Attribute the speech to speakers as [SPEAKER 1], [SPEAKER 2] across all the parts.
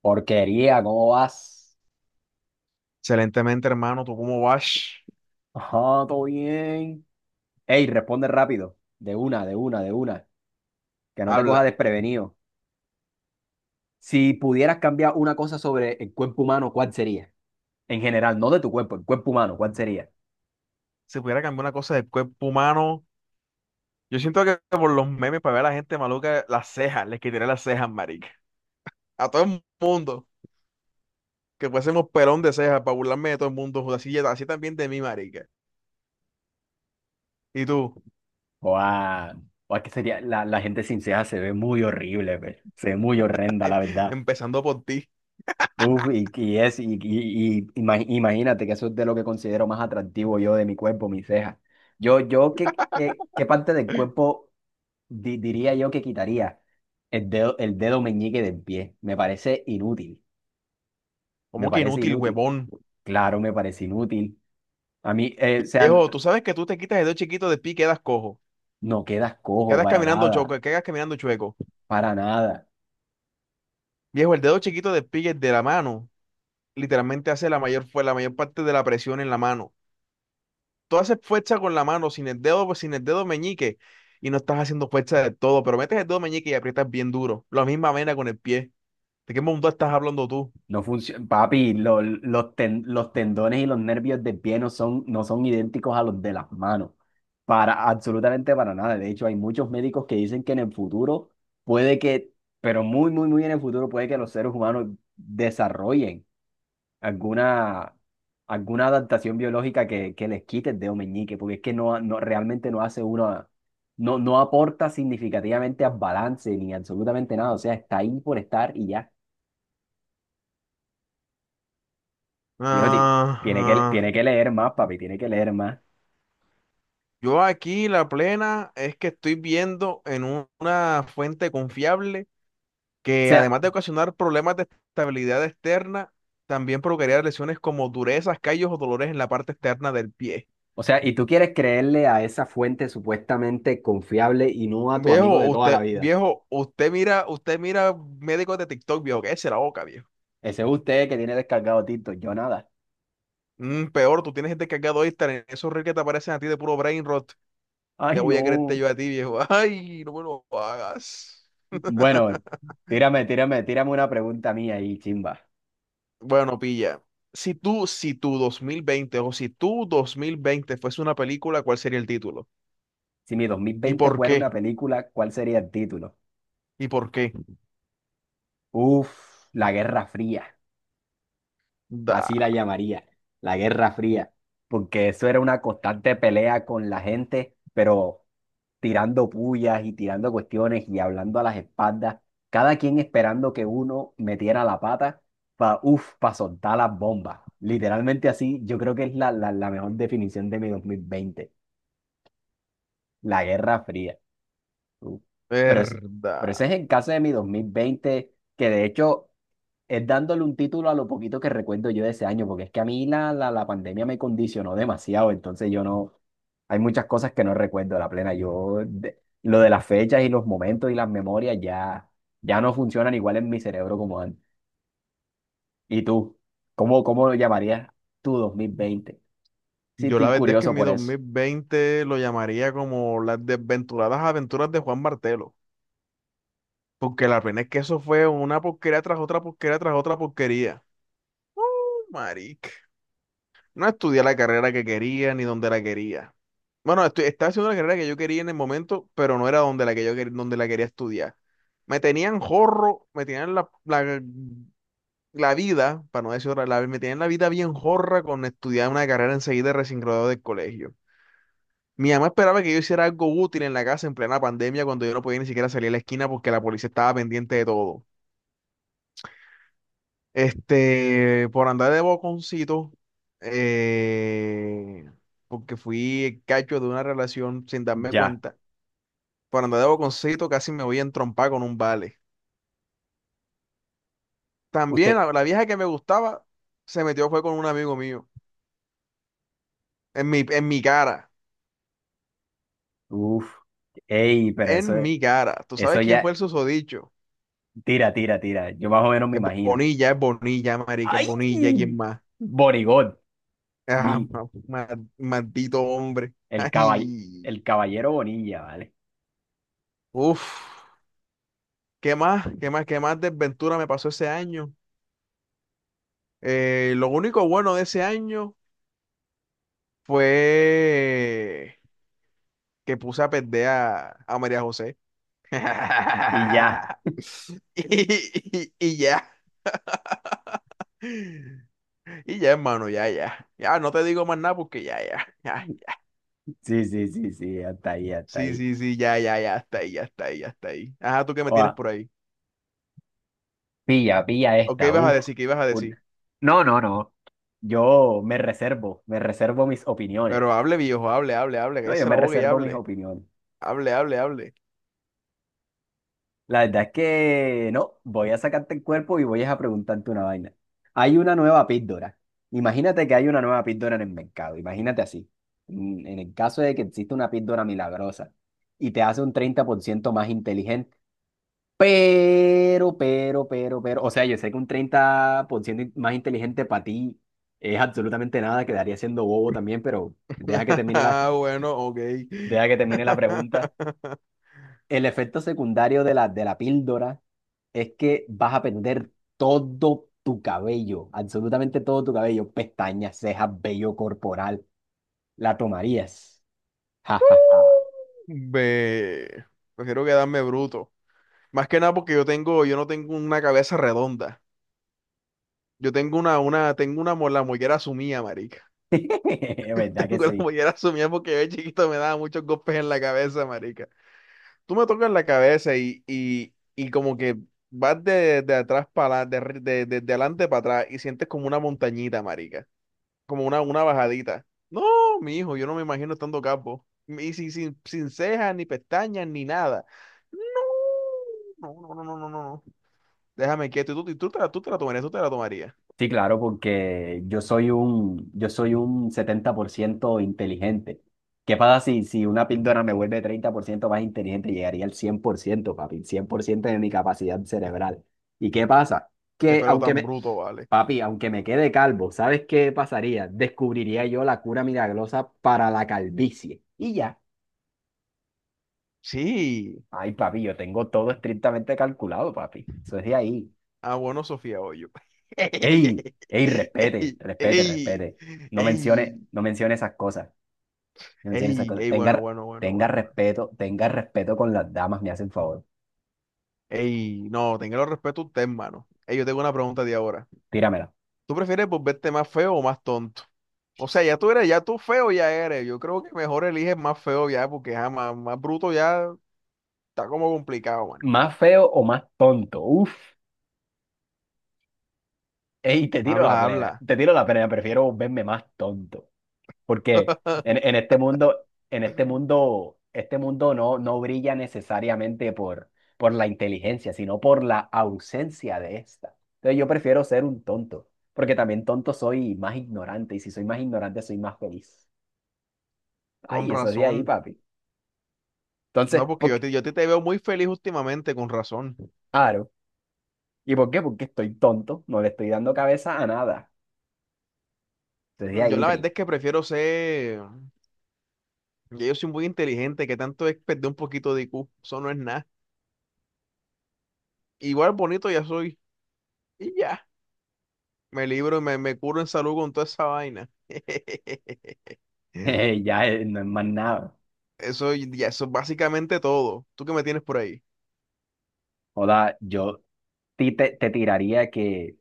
[SPEAKER 1] Porquería, ¿cómo vas?
[SPEAKER 2] Excelentemente, hermano. ¿Tú cómo vas?
[SPEAKER 1] Ajá, todo bien. Ey, responde rápido. De una, de una, de una. Que no te coja
[SPEAKER 2] Habla.
[SPEAKER 1] desprevenido. Si pudieras cambiar una cosa sobre el cuerpo humano, ¿cuál sería? En general, no de tu cuerpo, el cuerpo humano, ¿cuál sería?
[SPEAKER 2] Si pudiera cambiar una cosa del cuerpo humano, yo siento que por los memes para ver a la gente maluca, las cejas, les quitaría las cejas, marica. A todo el mundo. Que fuésemos pelón de cejas para burlarme de todo el mundo. Joder. Así también de mí, marica. Y tú.
[SPEAKER 1] Buah, buah, que sería, la gente sin cejas se ve muy horrible, pe. Se ve muy horrenda, la verdad.
[SPEAKER 2] Empezando por ti.
[SPEAKER 1] Uf, y es, y ima- imagínate que eso es de lo que considero más atractivo yo de mi cuerpo, mis cejas. Qué parte del cuerpo? Diría yo que quitaría el dedo meñique del pie. Me parece inútil. Me
[SPEAKER 2] ¿Cómo que
[SPEAKER 1] parece
[SPEAKER 2] inútil,
[SPEAKER 1] inútil.
[SPEAKER 2] huevón?
[SPEAKER 1] Claro, me parece inútil. A mí, o sea,
[SPEAKER 2] Viejo, tú sabes que tú te quitas el dedo chiquito de pie y quedas cojo.
[SPEAKER 1] no quedas cojo
[SPEAKER 2] Quedas
[SPEAKER 1] para
[SPEAKER 2] caminando
[SPEAKER 1] nada.
[SPEAKER 2] choco, quedas caminando chueco.
[SPEAKER 1] Para nada.
[SPEAKER 2] Viejo, el dedo chiquito de pie de la mano literalmente fue la mayor parte de la presión en la mano. Tú haces fuerza con la mano, sin el dedo meñique, y no estás haciendo fuerza de todo, pero metes el dedo meñique y aprietas bien duro. La misma vena con el pie. ¿De qué mundo estás hablando tú?
[SPEAKER 1] No funciona. Papi, los tendones y los nervios del pie no son idénticos a los de las manos. Para, absolutamente para nada. De hecho, hay muchos médicos que dicen que en el futuro puede que, pero muy, muy, muy en el futuro puede que los seres humanos desarrollen alguna, alguna adaptación biológica que les quite el dedo meñique, porque es que no realmente no hace uno, no aporta significativamente al balance ni absolutamente nada. O sea, está ahí por estar y ya. Dijo:
[SPEAKER 2] Ah,
[SPEAKER 1] Tiene que,
[SPEAKER 2] ah.
[SPEAKER 1] tiene que leer más, papi, tiene que leer más.
[SPEAKER 2] Yo aquí la plena es que estoy viendo en una fuente confiable que,
[SPEAKER 1] Sea,
[SPEAKER 2] además de ocasionar problemas de estabilidad externa, también provocaría lesiones como durezas, callos o dolores en la parte externa del pie.
[SPEAKER 1] y tú quieres creerle a esa fuente supuestamente confiable y no a tu amigo de toda la vida.
[SPEAKER 2] Viejo, usted mira médicos de TikTok, viejo, que es la boca, viejo.
[SPEAKER 1] Ese es usted que tiene descargado Tito, yo nada.
[SPEAKER 2] Mm, peor, tú tienes gente cargado ahí, en esos reels que te aparecen a ti de puro brain rot.
[SPEAKER 1] Ay,
[SPEAKER 2] ¿Qué voy a creerte
[SPEAKER 1] no.
[SPEAKER 2] yo a ti, viejo? Ay, no me lo hagas.
[SPEAKER 1] Bueno, tírame una pregunta mía ahí, chimba.
[SPEAKER 2] Bueno, pilla. Si tú, si tú 2020 o si tú 2020 fuese una película, ¿cuál sería el título?
[SPEAKER 1] Si mi
[SPEAKER 2] ¿Y
[SPEAKER 1] 2020
[SPEAKER 2] por
[SPEAKER 1] fuera
[SPEAKER 2] qué?
[SPEAKER 1] una película, ¿cuál sería el título?
[SPEAKER 2] ¿Y por qué?
[SPEAKER 1] Uf, La Guerra Fría,
[SPEAKER 2] Da,
[SPEAKER 1] así la llamaría, La Guerra Fría, porque eso era una constante pelea con la gente, pero tirando pullas y tirando cuestiones y hablando a las espaldas, cada quien esperando que uno metiera la pata para, uf, para soltar las bombas. Literalmente así, yo creo que es la mejor definición de mi 2020, La Guerra Fría. Uh, Pero, pero ese
[SPEAKER 2] verdad.
[SPEAKER 1] es el caso de mi dos mil veinte, que de hecho es dándole un título a lo poquito que recuerdo yo de ese año, porque es que a mí la pandemia me condicionó demasiado, entonces yo no, hay muchas cosas que no recuerdo a la plena. Yo, lo de las fechas y los momentos y las memorias ya, ya no funcionan igual en mi cerebro como antes. ¿Y tú? ¿Cómo, cómo lo llamarías tu dos mil veinte? Sí,
[SPEAKER 2] Yo
[SPEAKER 1] estoy
[SPEAKER 2] la verdad es que
[SPEAKER 1] curioso
[SPEAKER 2] en mi
[SPEAKER 1] por
[SPEAKER 2] dos
[SPEAKER 1] eso.
[SPEAKER 2] mil veinte lo llamaría como las desventuradas aventuras de Juan Martelo. Porque la pena es que eso fue una porquería tras otra porquería tras otra porquería. Marica. No estudié la carrera que quería ni donde la quería. Bueno, estaba haciendo la carrera que yo quería en el momento, pero no era donde la que yo donde la quería estudiar. Me tenían jorro, me tenían la vida, para no decir otra, la, me tenían la vida bien jorra con estudiar una carrera enseguida recién graduado del colegio. Mi mamá esperaba que yo hiciera algo útil en la casa en plena pandemia cuando yo no podía ni siquiera salir a la esquina porque la policía estaba pendiente de todo. Este, por andar de boconcito, eh, porque fui el cacho de una relación sin darme
[SPEAKER 1] Ya.
[SPEAKER 2] cuenta, por andar de boconcito casi me voy a entrompar con un vale. También
[SPEAKER 1] Usted.
[SPEAKER 2] la vieja que me gustaba se metió fue con un amigo mío, en mi cara,
[SPEAKER 1] Uf. Ey, pero eso,
[SPEAKER 2] en mi cara. ¿Tú
[SPEAKER 1] eso
[SPEAKER 2] sabes quién fue
[SPEAKER 1] ya.
[SPEAKER 2] el susodicho?
[SPEAKER 1] Tira, tira, tira. Yo más o menos me imagino.
[SPEAKER 2] Es Bonilla, marica, es
[SPEAKER 1] ¡Ay!
[SPEAKER 2] Bonilla, ¿quién más?
[SPEAKER 1] Borigot, mi,
[SPEAKER 2] Ah, maldito hombre.
[SPEAKER 1] el caball-
[SPEAKER 2] Ay,
[SPEAKER 1] el caballero Bonilla, ¿vale?
[SPEAKER 2] uff. ¿Qué más? ¿Qué más? ¿Qué más desventura me pasó ese año? Lo único bueno de ese año fue que puse a perder a María José.
[SPEAKER 1] Y ya.
[SPEAKER 2] Y, y- y ya, y ya, hermano, ya, ya. Ya, no te digo más nada porque ya, ya, ya.
[SPEAKER 1] Sí, sí, sí, sí, hasta ahí, hasta
[SPEAKER 2] Sí,
[SPEAKER 1] ahí.
[SPEAKER 2] sí, sí, ya, ya, ya, hasta ahí, ya está ahí, ya está ahí. Ajá, ¿tú qué me
[SPEAKER 1] Oa,
[SPEAKER 2] tienes por ahí?
[SPEAKER 1] pilla, pilla
[SPEAKER 2] ¿O qué
[SPEAKER 1] esta,
[SPEAKER 2] ibas a
[SPEAKER 1] uf.
[SPEAKER 2] decir? ¿Qué ibas a
[SPEAKER 1] Un-
[SPEAKER 2] decir?
[SPEAKER 1] No, no, no. Me reservo mis opiniones.
[SPEAKER 2] Pero hable, viejo, hable, hable, hable,
[SPEAKER 1] No, yo
[SPEAKER 2] cállese la
[SPEAKER 1] me
[SPEAKER 2] boca y
[SPEAKER 1] reservo mis
[SPEAKER 2] hable.
[SPEAKER 1] opiniones.
[SPEAKER 2] Hable, hable, hable.
[SPEAKER 1] La verdad es que no, voy a sacarte el cuerpo y voy a preguntarte una vaina. Hay una nueva píldora. Imagínate que hay una nueva píldora en el mercado. Imagínate así. En el caso de que existe una píldora milagrosa y te hace un 30% más inteligente. Pero, pero. O sea, yo sé que un 30% más inteligente para ti es absolutamente nada. Quedaría siendo bobo también, pero deja que termine la,
[SPEAKER 2] Ah, bueno, ok.
[SPEAKER 1] deja que termine la pregunta. El efecto secundario de de la píldora es que vas a perder todo tu cabello, absolutamente todo tu cabello, pestañas, cejas, vello corporal. ¿La tomarías? Ja, ja, ja.
[SPEAKER 2] Ve, prefiero quedarme bruto. Más que nada porque yo tengo, yo no tengo una cabeza redonda. Yo tengo la mollera sumida, marica.
[SPEAKER 1] ¿Verdad que
[SPEAKER 2] Tengo la
[SPEAKER 1] sí?
[SPEAKER 2] mollera sumida porque yo de chiquito me daba muchos golpes en la cabeza, marica. Tú me tocas la cabeza y como que vas de atrás para de adelante para atrás y sientes como una montañita, como una bajadita. No, mi hijo, yo no me imagino estando capo. Y sin cejas, ni pestañas, ni nada. No, no, no, no, no, no. No. Déjame quieto. Y tú, y tú te la tomarías, tú te la tomarías.
[SPEAKER 1] Sí, claro, porque yo soy un 70% inteligente. ¿Qué pasa si, si una píldora me vuelve 30% más inteligente? Llegaría al 100%, papi, 100% de mi capacidad cerebral. ¿Y qué pasa?
[SPEAKER 2] Qué
[SPEAKER 1] Que
[SPEAKER 2] pelo tan bruto, vale.
[SPEAKER 1] papi, aunque me quede calvo, ¿sabes qué pasaría? Descubriría yo la cura milagrosa para la calvicie. Y ya.
[SPEAKER 2] Sí.
[SPEAKER 1] Ay, papi, yo tengo todo estrictamente calculado, papi. Eso es de ahí.
[SPEAKER 2] Ah, bueno, Sofía Hoyo.
[SPEAKER 1] Ey, ey, respete,
[SPEAKER 2] Ey,
[SPEAKER 1] respete,
[SPEAKER 2] ey,
[SPEAKER 1] respete.
[SPEAKER 2] ey,
[SPEAKER 1] No mencione esas cosas. No mencione esas
[SPEAKER 2] ey,
[SPEAKER 1] cosas.
[SPEAKER 2] ey, bueno,
[SPEAKER 1] Tenga,
[SPEAKER 2] bueno, bueno, bueno, bueno.
[SPEAKER 1] tenga respeto con las damas, me hace el favor.
[SPEAKER 2] Ey, no, tenga el respeto a usted, hermano. Ey, yo tengo una pregunta de ahora.
[SPEAKER 1] Tíramela.
[SPEAKER 2] ¿Tú prefieres volverte más feo o más tonto? O sea, ya tú eres, ya tú feo ya eres. Yo creo que mejor eliges más feo ya, porque ja, más, más bruto ya está como complicado, manico.
[SPEAKER 1] ¿Más feo o más tonto? Uf. Ey, te tiro la
[SPEAKER 2] Habla,
[SPEAKER 1] plena.
[SPEAKER 2] habla.
[SPEAKER 1] Te tiro la plena, prefiero verme más tonto. Porque en este mundo no, no brilla necesariamente por la inteligencia, sino por la ausencia de esta. Entonces yo prefiero ser un tonto, porque también tonto soy más ignorante, y si soy más ignorante soy más feliz.
[SPEAKER 2] Con
[SPEAKER 1] Ay, eso es de ahí,
[SPEAKER 2] razón.
[SPEAKER 1] papi. Entonces,
[SPEAKER 2] No, porque
[SPEAKER 1] ¿por
[SPEAKER 2] yo,
[SPEAKER 1] qué?
[SPEAKER 2] yo te veo muy feliz últimamente, con razón.
[SPEAKER 1] Claro. ¿Y por qué? Porque estoy tonto, no le estoy dando cabeza a nada. Entonces de
[SPEAKER 2] Yo
[SPEAKER 1] ahí,
[SPEAKER 2] la verdad
[SPEAKER 1] tri.
[SPEAKER 2] es que prefiero ser. Ya yo soy muy inteligente, que tanto es perder un poquito de IQ. Eso no es nada. Igual bonito ya soy. Y ya. Me libro y me curo en salud con toda esa vaina.
[SPEAKER 1] Ya no es más nada.
[SPEAKER 2] Eso ya, eso es básicamente todo. ¿Tú qué me tienes por ahí?
[SPEAKER 1] Joda, yo te tiraría que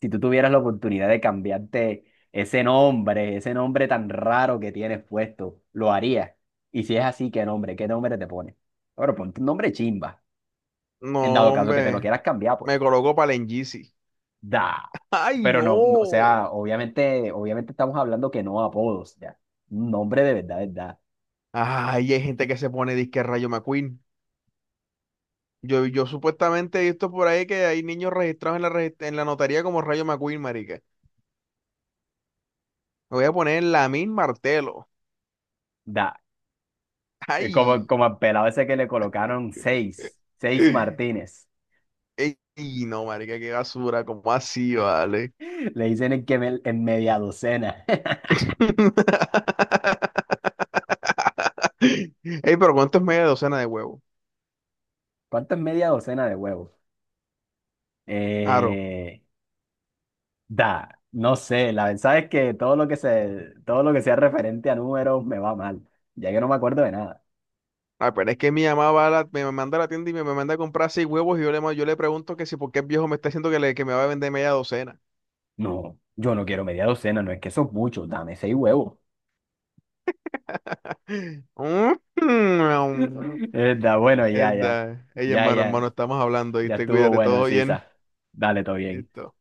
[SPEAKER 1] si tú tuvieras la oportunidad de cambiarte ese nombre tan raro que tienes puesto, ¿lo harías? Y si es así, ¿qué nombre? ¿Qué nombre te pones? Bueno, ponte un nombre chimba, en dado
[SPEAKER 2] No,
[SPEAKER 1] caso que te lo
[SPEAKER 2] hombre.
[SPEAKER 1] quieras cambiar, pues.
[SPEAKER 2] Me coloco para el Yeezy.
[SPEAKER 1] Da.
[SPEAKER 2] ¡Ay,
[SPEAKER 1] Pero no, no, o
[SPEAKER 2] no!
[SPEAKER 1] sea, obviamente, obviamente estamos hablando que no apodos, ya. Un nombre de verdad, verdad.
[SPEAKER 2] Ay, hay gente que se pone disque Rayo McQueen. Yo supuestamente he visto por ahí que hay niños registrados en en la notaría como Rayo McQueen, marica. Me voy a poner Lamin Martelo.
[SPEAKER 1] Da. Da. Es como,
[SPEAKER 2] ¡Ay!
[SPEAKER 1] como al pelado ese que le colocaron seis Martínez.
[SPEAKER 2] Ey, no, marica, qué basura. ¿Cómo así, vale?
[SPEAKER 1] Le dicen en, en media docena.
[SPEAKER 2] Ey, pero ¿cuánto es media docena de huevos?
[SPEAKER 1] ¿Cuánto es media docena de huevos?
[SPEAKER 2] Aro.
[SPEAKER 1] Eh, Da, no sé, la verdad es que todo lo que sea referente a números me va mal, ya que no me acuerdo de nada.
[SPEAKER 2] Ah, pero es que mi mamá va a me manda a la tienda y me manda a comprar seis huevos y yo le, yo le pregunto que si por qué el viejo me está diciendo que, que me va a vender media docena.
[SPEAKER 1] No, yo no quiero media docena, no es que eso es mucho, dame seis huevos.
[SPEAKER 2] Mm,
[SPEAKER 1] Da, bueno,
[SPEAKER 2] Mierda. Ey,
[SPEAKER 1] ya,
[SPEAKER 2] hermano,
[SPEAKER 1] ya,
[SPEAKER 2] hermano, estamos hablando,
[SPEAKER 1] ya
[SPEAKER 2] ¿viste?
[SPEAKER 1] estuvo
[SPEAKER 2] Cuídate,
[SPEAKER 1] bueno,
[SPEAKER 2] todo bien.
[SPEAKER 1] Sisa. Dale, todo bien.
[SPEAKER 2] Listo.